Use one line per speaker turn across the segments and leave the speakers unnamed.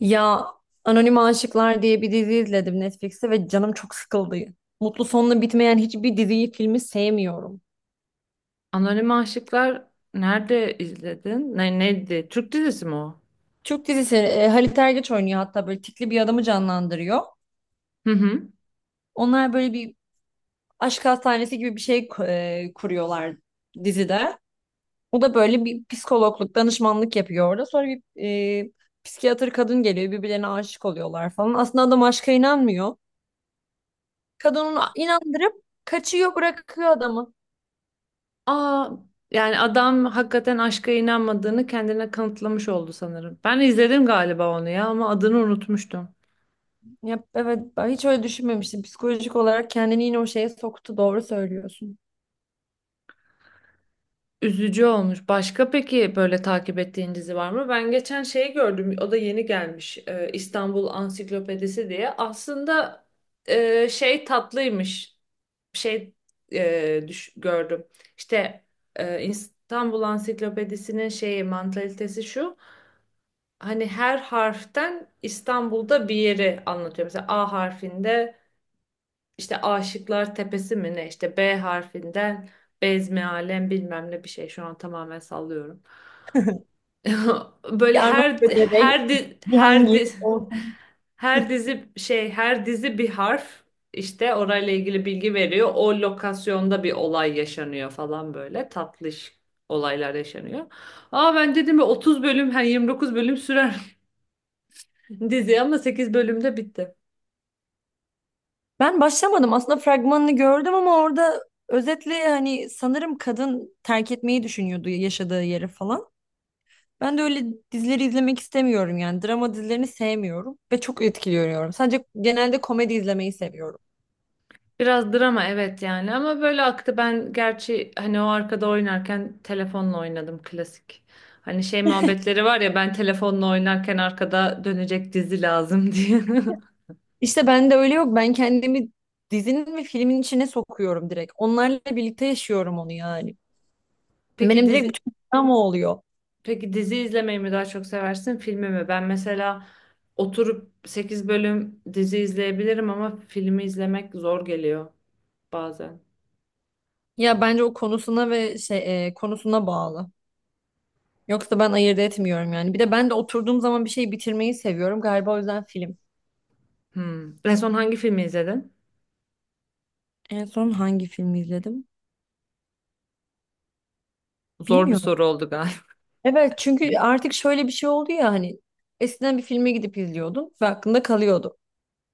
Ya Anonim Aşıklar diye bir dizi izledim Netflix'te ve canım çok sıkıldı. Mutlu sonla bitmeyen hiçbir diziyi, filmi sevmiyorum.
Anonim Aşıklar nerede izledin? Neydi? Türk dizisi mi o?
Türk dizisi Halit Ergenç oynuyor, hatta böyle tikli bir adamı canlandırıyor.
Hı hı.
Onlar böyle bir aşk hastanesi gibi bir şey kuruyorlar dizide. O da böyle bir psikologluk, danışmanlık yapıyor orada. Sonra bir e, psikiyatr kadın geliyor, birbirlerine aşık oluyorlar falan. Aslında adam aşka inanmıyor. Kadının
A-
inandırıp kaçıyor, bırakıyor adamı.
Aa, yani adam hakikaten aşka inanmadığını kendine kanıtlamış oldu sanırım. Ben izledim galiba onu ya ama adını unutmuştum.
Ya, evet, ben hiç öyle düşünmemiştim. Psikolojik olarak kendini yine o şeye soktu. Doğru söylüyorsun.
Üzücü olmuş. Başka peki böyle takip ettiğin dizi var mı? Ben geçen şeyi gördüm. O da yeni gelmiş. İstanbul Ansiklopedisi diye. Aslında şey tatlıymış. Şey gördüm. İşte İstanbul Ansiklopedisi'nin şeyi mantalitesi şu. Hani her harften İstanbul'da bir yeri anlatıyor. Mesela A harfinde işte Aşıklar Tepesi mi ne? İşte B harfinden Bezmi Alem bilmem ne bir şey. Şu an tamamen sallıyorum.
Bir
Böyle
Arnavut bebek, Cihangir olsun.
her dizi bir harf işte orayla ilgili bilgi veriyor. O lokasyonda bir olay yaşanıyor falan böyle tatlış olaylar yaşanıyor. Aa, ben dedim ya, 30 bölüm, hani 29 bölüm sürer dizi, ama 8 bölümde bitti.
Ben başlamadım. Aslında fragmanını gördüm ama orada özetle hani sanırım kadın terk etmeyi düşünüyordu yaşadığı yeri falan. Ben de öyle dizileri izlemek istemiyorum yani. Drama dizilerini sevmiyorum ve çok etkiliyorum. Sadece genelde komedi izlemeyi seviyorum.
Biraz drama, evet yani, ama böyle aktı, ben gerçi hani o arkada oynarken telefonla oynadım, klasik. Hani şey muhabbetleri var ya, ben telefonla oynarken arkada dönecek dizi lazım diye.
İşte ben de öyle yok. Ben kendimi dizinin ve filmin içine sokuyorum direkt. Onlarla birlikte yaşıyorum onu yani.
Peki
Benim direkt
dizi
bütün drama oluyor.
peki dizi izlemeyi mi daha çok seversin, filmi mi? Ben mesela oturup 8 bölüm dizi izleyebilirim, ama filmi izlemek zor geliyor bazen.
Ya bence o konusuna ve konusuna bağlı. Yoksa ben ayırt etmiyorum yani. Bir de ben de oturduğum zaman bir şey bitirmeyi seviyorum. Galiba o yüzden film.
Hmm. En son hangi filmi izledin?
En son hangi filmi izledim?
Zor bir
Bilmiyorum.
soru oldu galiba.
Evet, çünkü artık şöyle bir şey oldu ya, hani eskiden bir filme gidip izliyordun ve aklında kalıyordu.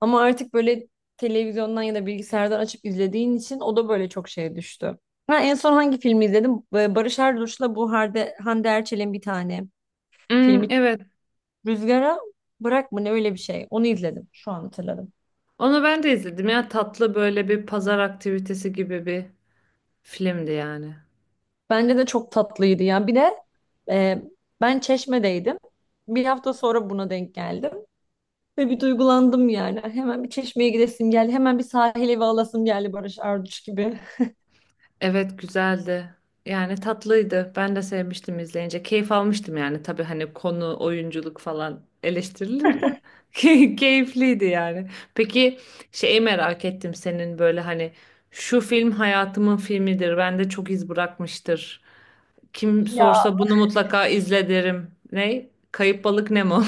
Ama artık böyle televizyondan ya da bilgisayardan açıp izlediğin için o da böyle çok şeye düştü. Ha, en son hangi filmi izledim? Barış Arduç'la bu Hande Erçel'in bir tane
Hmm,
filmi
evet.
Rüzgara Bırak mı ne, öyle bir şey. Onu izledim. Şu an hatırladım.
Onu ben de izledim ya, tatlı, böyle bir pazar aktivitesi gibi bir filmdi yani.
Bence de çok tatlıydı. Yani bir de Ee, ben Çeşme'deydim. Bir hafta sonra buna denk geldim. Ve bir duygulandım yani. Hemen bir Çeşme'ye gidesim geldi. Hemen bir sahil evi alasım geldi Barış Arduç gibi.
Evet, güzeldi. Yani tatlıydı. Ben de sevmiştim izleyince. Keyif almıştım yani. Tabii hani konu, oyunculuk falan eleştirilir de keyifliydi yani. Peki, şeyi merak ettim, senin böyle hani şu film hayatımın filmidir, bende çok iz bırakmıştır, kim
Ya.
sorsa bunu mutlaka izle derim. Ne? Kayıp Balık Nemo.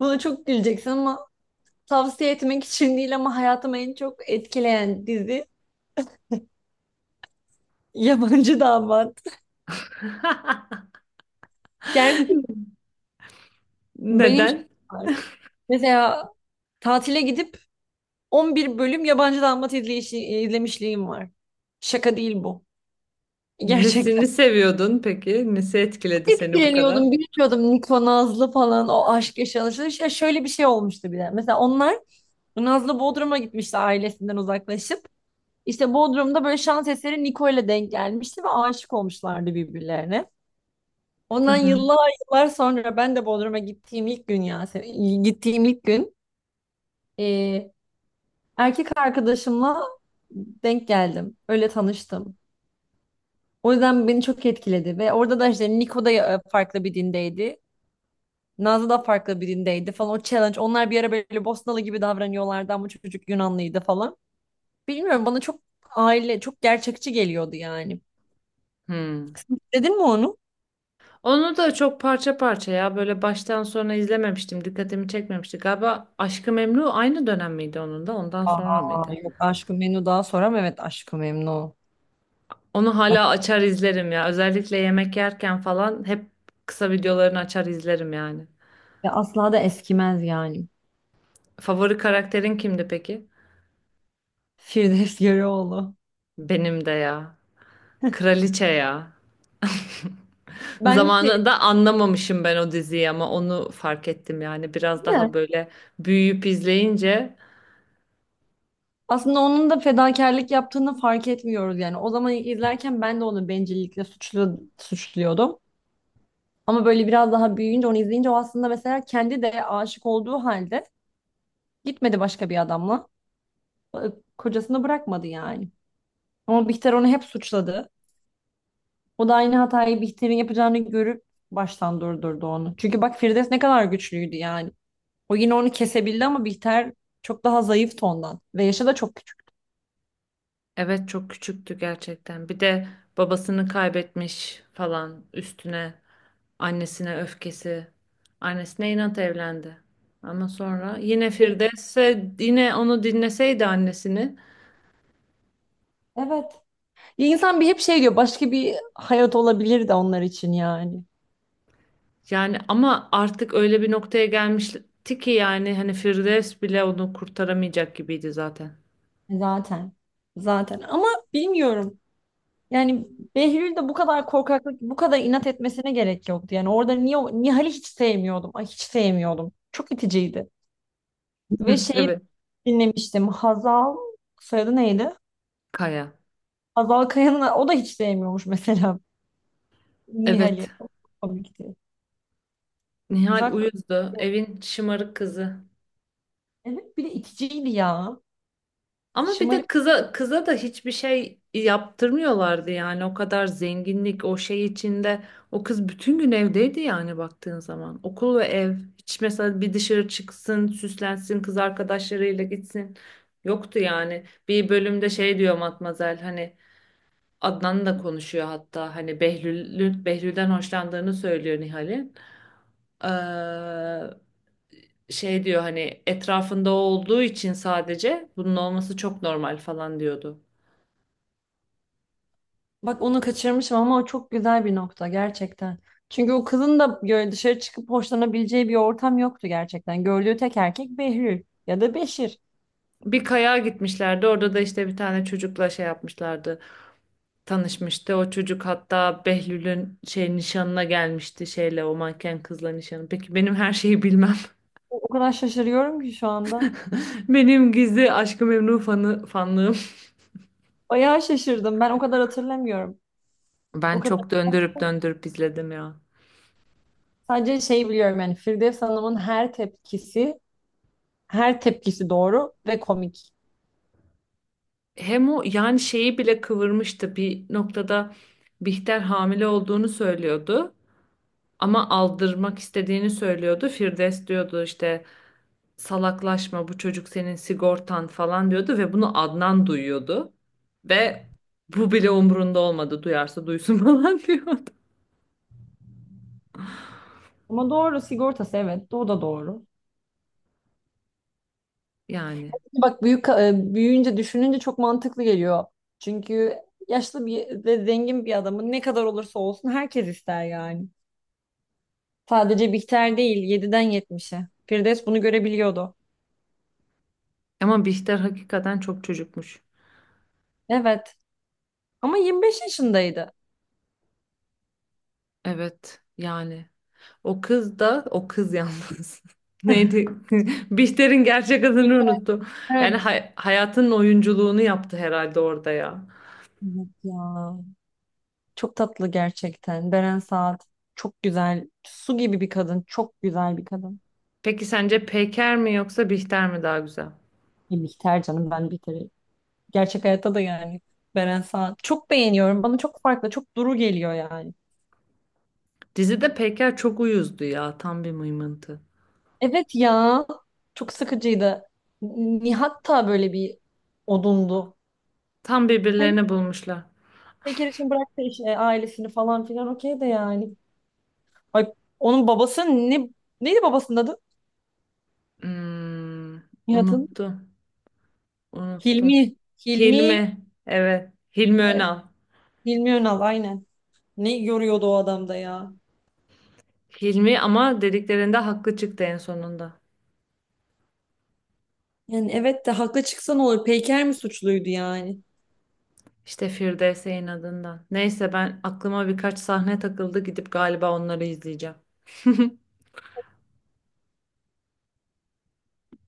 Buna çok güleceksin ama tavsiye etmek için değil, ama hayatımı en çok etkileyen dizi Yabancı Damat. Gerçek, benim şey
Neden?
var. Mesela tatile gidip 11 bölüm Yabancı Damat izlemişliğim var. Şaka değil bu. Gerçek.
Nesini seviyordun peki? Nesi etkiledi seni bu kadar?
Etkileniyordum, bilmiyordum Niko Nazlı falan o aşk yaşanışı. Ya şöyle bir şey olmuştu bir de. Mesela onlar Nazlı Bodrum'a gitmişti ailesinden uzaklaşıp. İşte Bodrum'da böyle şans eseri Niko ile denk gelmişti ve aşık olmuşlardı birbirlerine.
Hı
Ondan
hı.
yıllar yıllar sonra ben de Bodrum'a gittiğim ilk gün, ya gittiğim ilk gün e, erkek arkadaşımla denk geldim. Öyle tanıştım. O yüzden beni çok etkiledi ve orada da işte Niko da farklı bir dindeydi. Nazlı da farklı birindeydi falan, o challenge. Onlar bir ara böyle Bosnalı gibi davranıyorlardı ama çocuk Yunanlıydı falan. Bilmiyorum, bana çok aile çok gerçekçi geliyordu yani.
Hmm.
Dedin mi onu?
Onu da çok parça parça ya, böyle baştan sona izlememiştim. Dikkatimi çekmemişti. Galiba Aşk-ı Memnu aynı dönem miydi, onun da ondan sonra
Aa,
mıydı?
yok, Aşk-ı Memnu daha sonra mı? Evet, Aşk-ı Memnu.
Onu
Bak,
hala açar izlerim ya. Özellikle yemek yerken falan hep kısa videolarını açar izlerim yani.
ya asla da eskimez yani.
Favori karakterin kimdi peki?
Firdevs Yarıoğlu.
Benim de ya. Kraliçe ya.
Bence şey,
Zamanında anlamamışım ben o diziyi, ama onu fark ettim yani biraz
değil
daha
mi?
böyle büyüyüp izleyince.
Aslında onun da fedakarlık yaptığını fark etmiyoruz yani. O zaman izlerken ben de onu bencillikle suçluyordum. Ama böyle biraz daha büyüyünce onu izleyince o aslında mesela kendi de aşık olduğu halde gitmedi başka bir adamla. E, Kocasını bırakmadı yani. Ama Bihter onu hep suçladı. O da aynı hatayı Bihter'in yapacağını görüp baştan durdurdu onu. Çünkü bak Firdevs ne kadar güçlüydü yani. O yine onu kesebildi ama Bihter çok daha zayıftı ondan. Ve yaşı da çok küçük.
Evet, çok küçüktü gerçekten. Bir de babasını kaybetmiş falan, üstüne annesine öfkesi. Annesine inat evlendi. Ama sonra yine Firdevs'e, yine onu dinleseydi annesini,
Evet. Ya insan bir hep şey diyor, başka bir hayat olabilir de onlar için yani.
yani ama artık öyle bir noktaya gelmişti ki yani hani Firdevs bile onu kurtaramayacak gibiydi zaten.
Zaten. Zaten, ama bilmiyorum. Yani Behlül de bu kadar korkaklık, bu kadar inat etmesine gerek yoktu. Yani orada niye Nihal'i hiç sevmiyordum. Ay hiç sevmiyordum. Çok iticiydi. Ve şeyi
Evet.
dinlemiştim. Hazal soyadı neydi?
Kaya.
Hazal Kaya'nın o da hiç sevmiyormuş mesela Nihal'i.
Evet.
Çok komikti.
Nihal
Uzak,
uyuzdu. Evin şımarık kızı.
evet, bir de iticiydi ya.
Ama bir de
Şımarık.
kıza kıza da hiçbir şey yaptırmıyorlardı yani, o kadar zenginlik, o şey içinde o kız bütün gün evdeydi yani, baktığın zaman okul ve ev, hiç mesela bir dışarı çıksın, süslensin, kız arkadaşlarıyla gitsin, yoktu yani. Bir bölümde şey diyor Matmazel, hani Adnan da konuşuyor hatta, hani Behlül'den hoşlandığını söylüyor Nihal'in. Ee, şey diyor, hani etrafında o olduğu için sadece, bunun olması çok normal falan diyordu.
Bak, onu kaçırmışım ama o çok güzel bir nokta gerçekten. Çünkü o kızın da böyle dışarı çıkıp hoşlanabileceği bir ortam yoktu gerçekten. Gördüğü tek erkek Behlül ya da Beşir.
Bir kayağa gitmişlerdi. Orada da işte bir tane çocukla şey yapmışlardı. Tanışmıştı. O çocuk hatta Behlül'ün şey nişanına gelmişti, şeyle, o manken kızla nişanı. Peki, benim her şeyi bilmem.
O kadar şaşırıyorum ki şu anda.
Benim gizli Aşk-ı Memnu fanlığım.
Bayağı şaşırdım. Ben o kadar hatırlamıyorum. O
Ben
kadar
çok döndürüp döndürüp izledim ya.
sadece şey biliyorum yani, Firdevs Hanım'ın her her tepkisi doğru ve komik.
Hem o yani, şeyi bile kıvırmıştı bir noktada. Bihter hamile olduğunu söylüyordu, ama aldırmak istediğini söylüyordu. Firdevs diyordu işte, salaklaşma, bu çocuk senin sigortan falan diyordu, ve bunu Adnan duyuyordu. Ve bu bile umurunda olmadı, duyarsa duysun falan diyordu.
Ama doğru, sigortası, evet, o da doğru.
Yani
Bak, büyüyünce düşününce çok mantıklı geliyor. Çünkü yaşlı bir ve zengin bir adamın ne kadar olursa olsun herkes ister yani. Sadece Bihter değil, yediden yetmişe. Firdevs bunu görebiliyordu.
ama Bihter hakikaten çok çocukmuş.
Evet. Ama 25 yaşındaydı.
Evet yani, o kız da, o kız yalnız. Neydi? Bihter'in gerçek adını unuttum. Yani
Evet.
hayatın oyunculuğunu yaptı herhalde orada ya.
Evet ya. Çok tatlı gerçekten. Beren Saat çok güzel. Su gibi bir kadın. Çok güzel bir kadın.
Peki sence Peker mi yoksa Bihter mi daha güzel?
Bihter, canım, ben Bihter'i. Gerçek hayatta da yani Beren Saat. Çok beğeniyorum. Bana çok farklı. Çok duru geliyor yani.
Dizide Peker çok uyuzdu ya. Tam bir mıymıntı.
Evet ya. Çok sıkıcıydı. Nihat da böyle bir odundu.
Tam
Hani
birbirlerini bulmuşlar.
bir kere için bıraktı işte ailesini falan filan, okey de yani. Ay, onun babası ne neydi babasının adı?
Hmm,
Nihat'ın.
unuttum. Unuttum.
Hilmi. Hilmi.
Hilmi. Evet. Hilmi Önal.
Hilmi Önal, aynen. Ne görüyordu o adamda ya?
Hilmi ama dediklerinde haklı çıktı en sonunda.
Yani evet de haklı çıksan olur? Peyker mi suçluydu yani?
İşte Firdevs'in adından. Neyse, ben aklıma birkaç sahne takıldı. Gidip galiba onları izleyeceğim.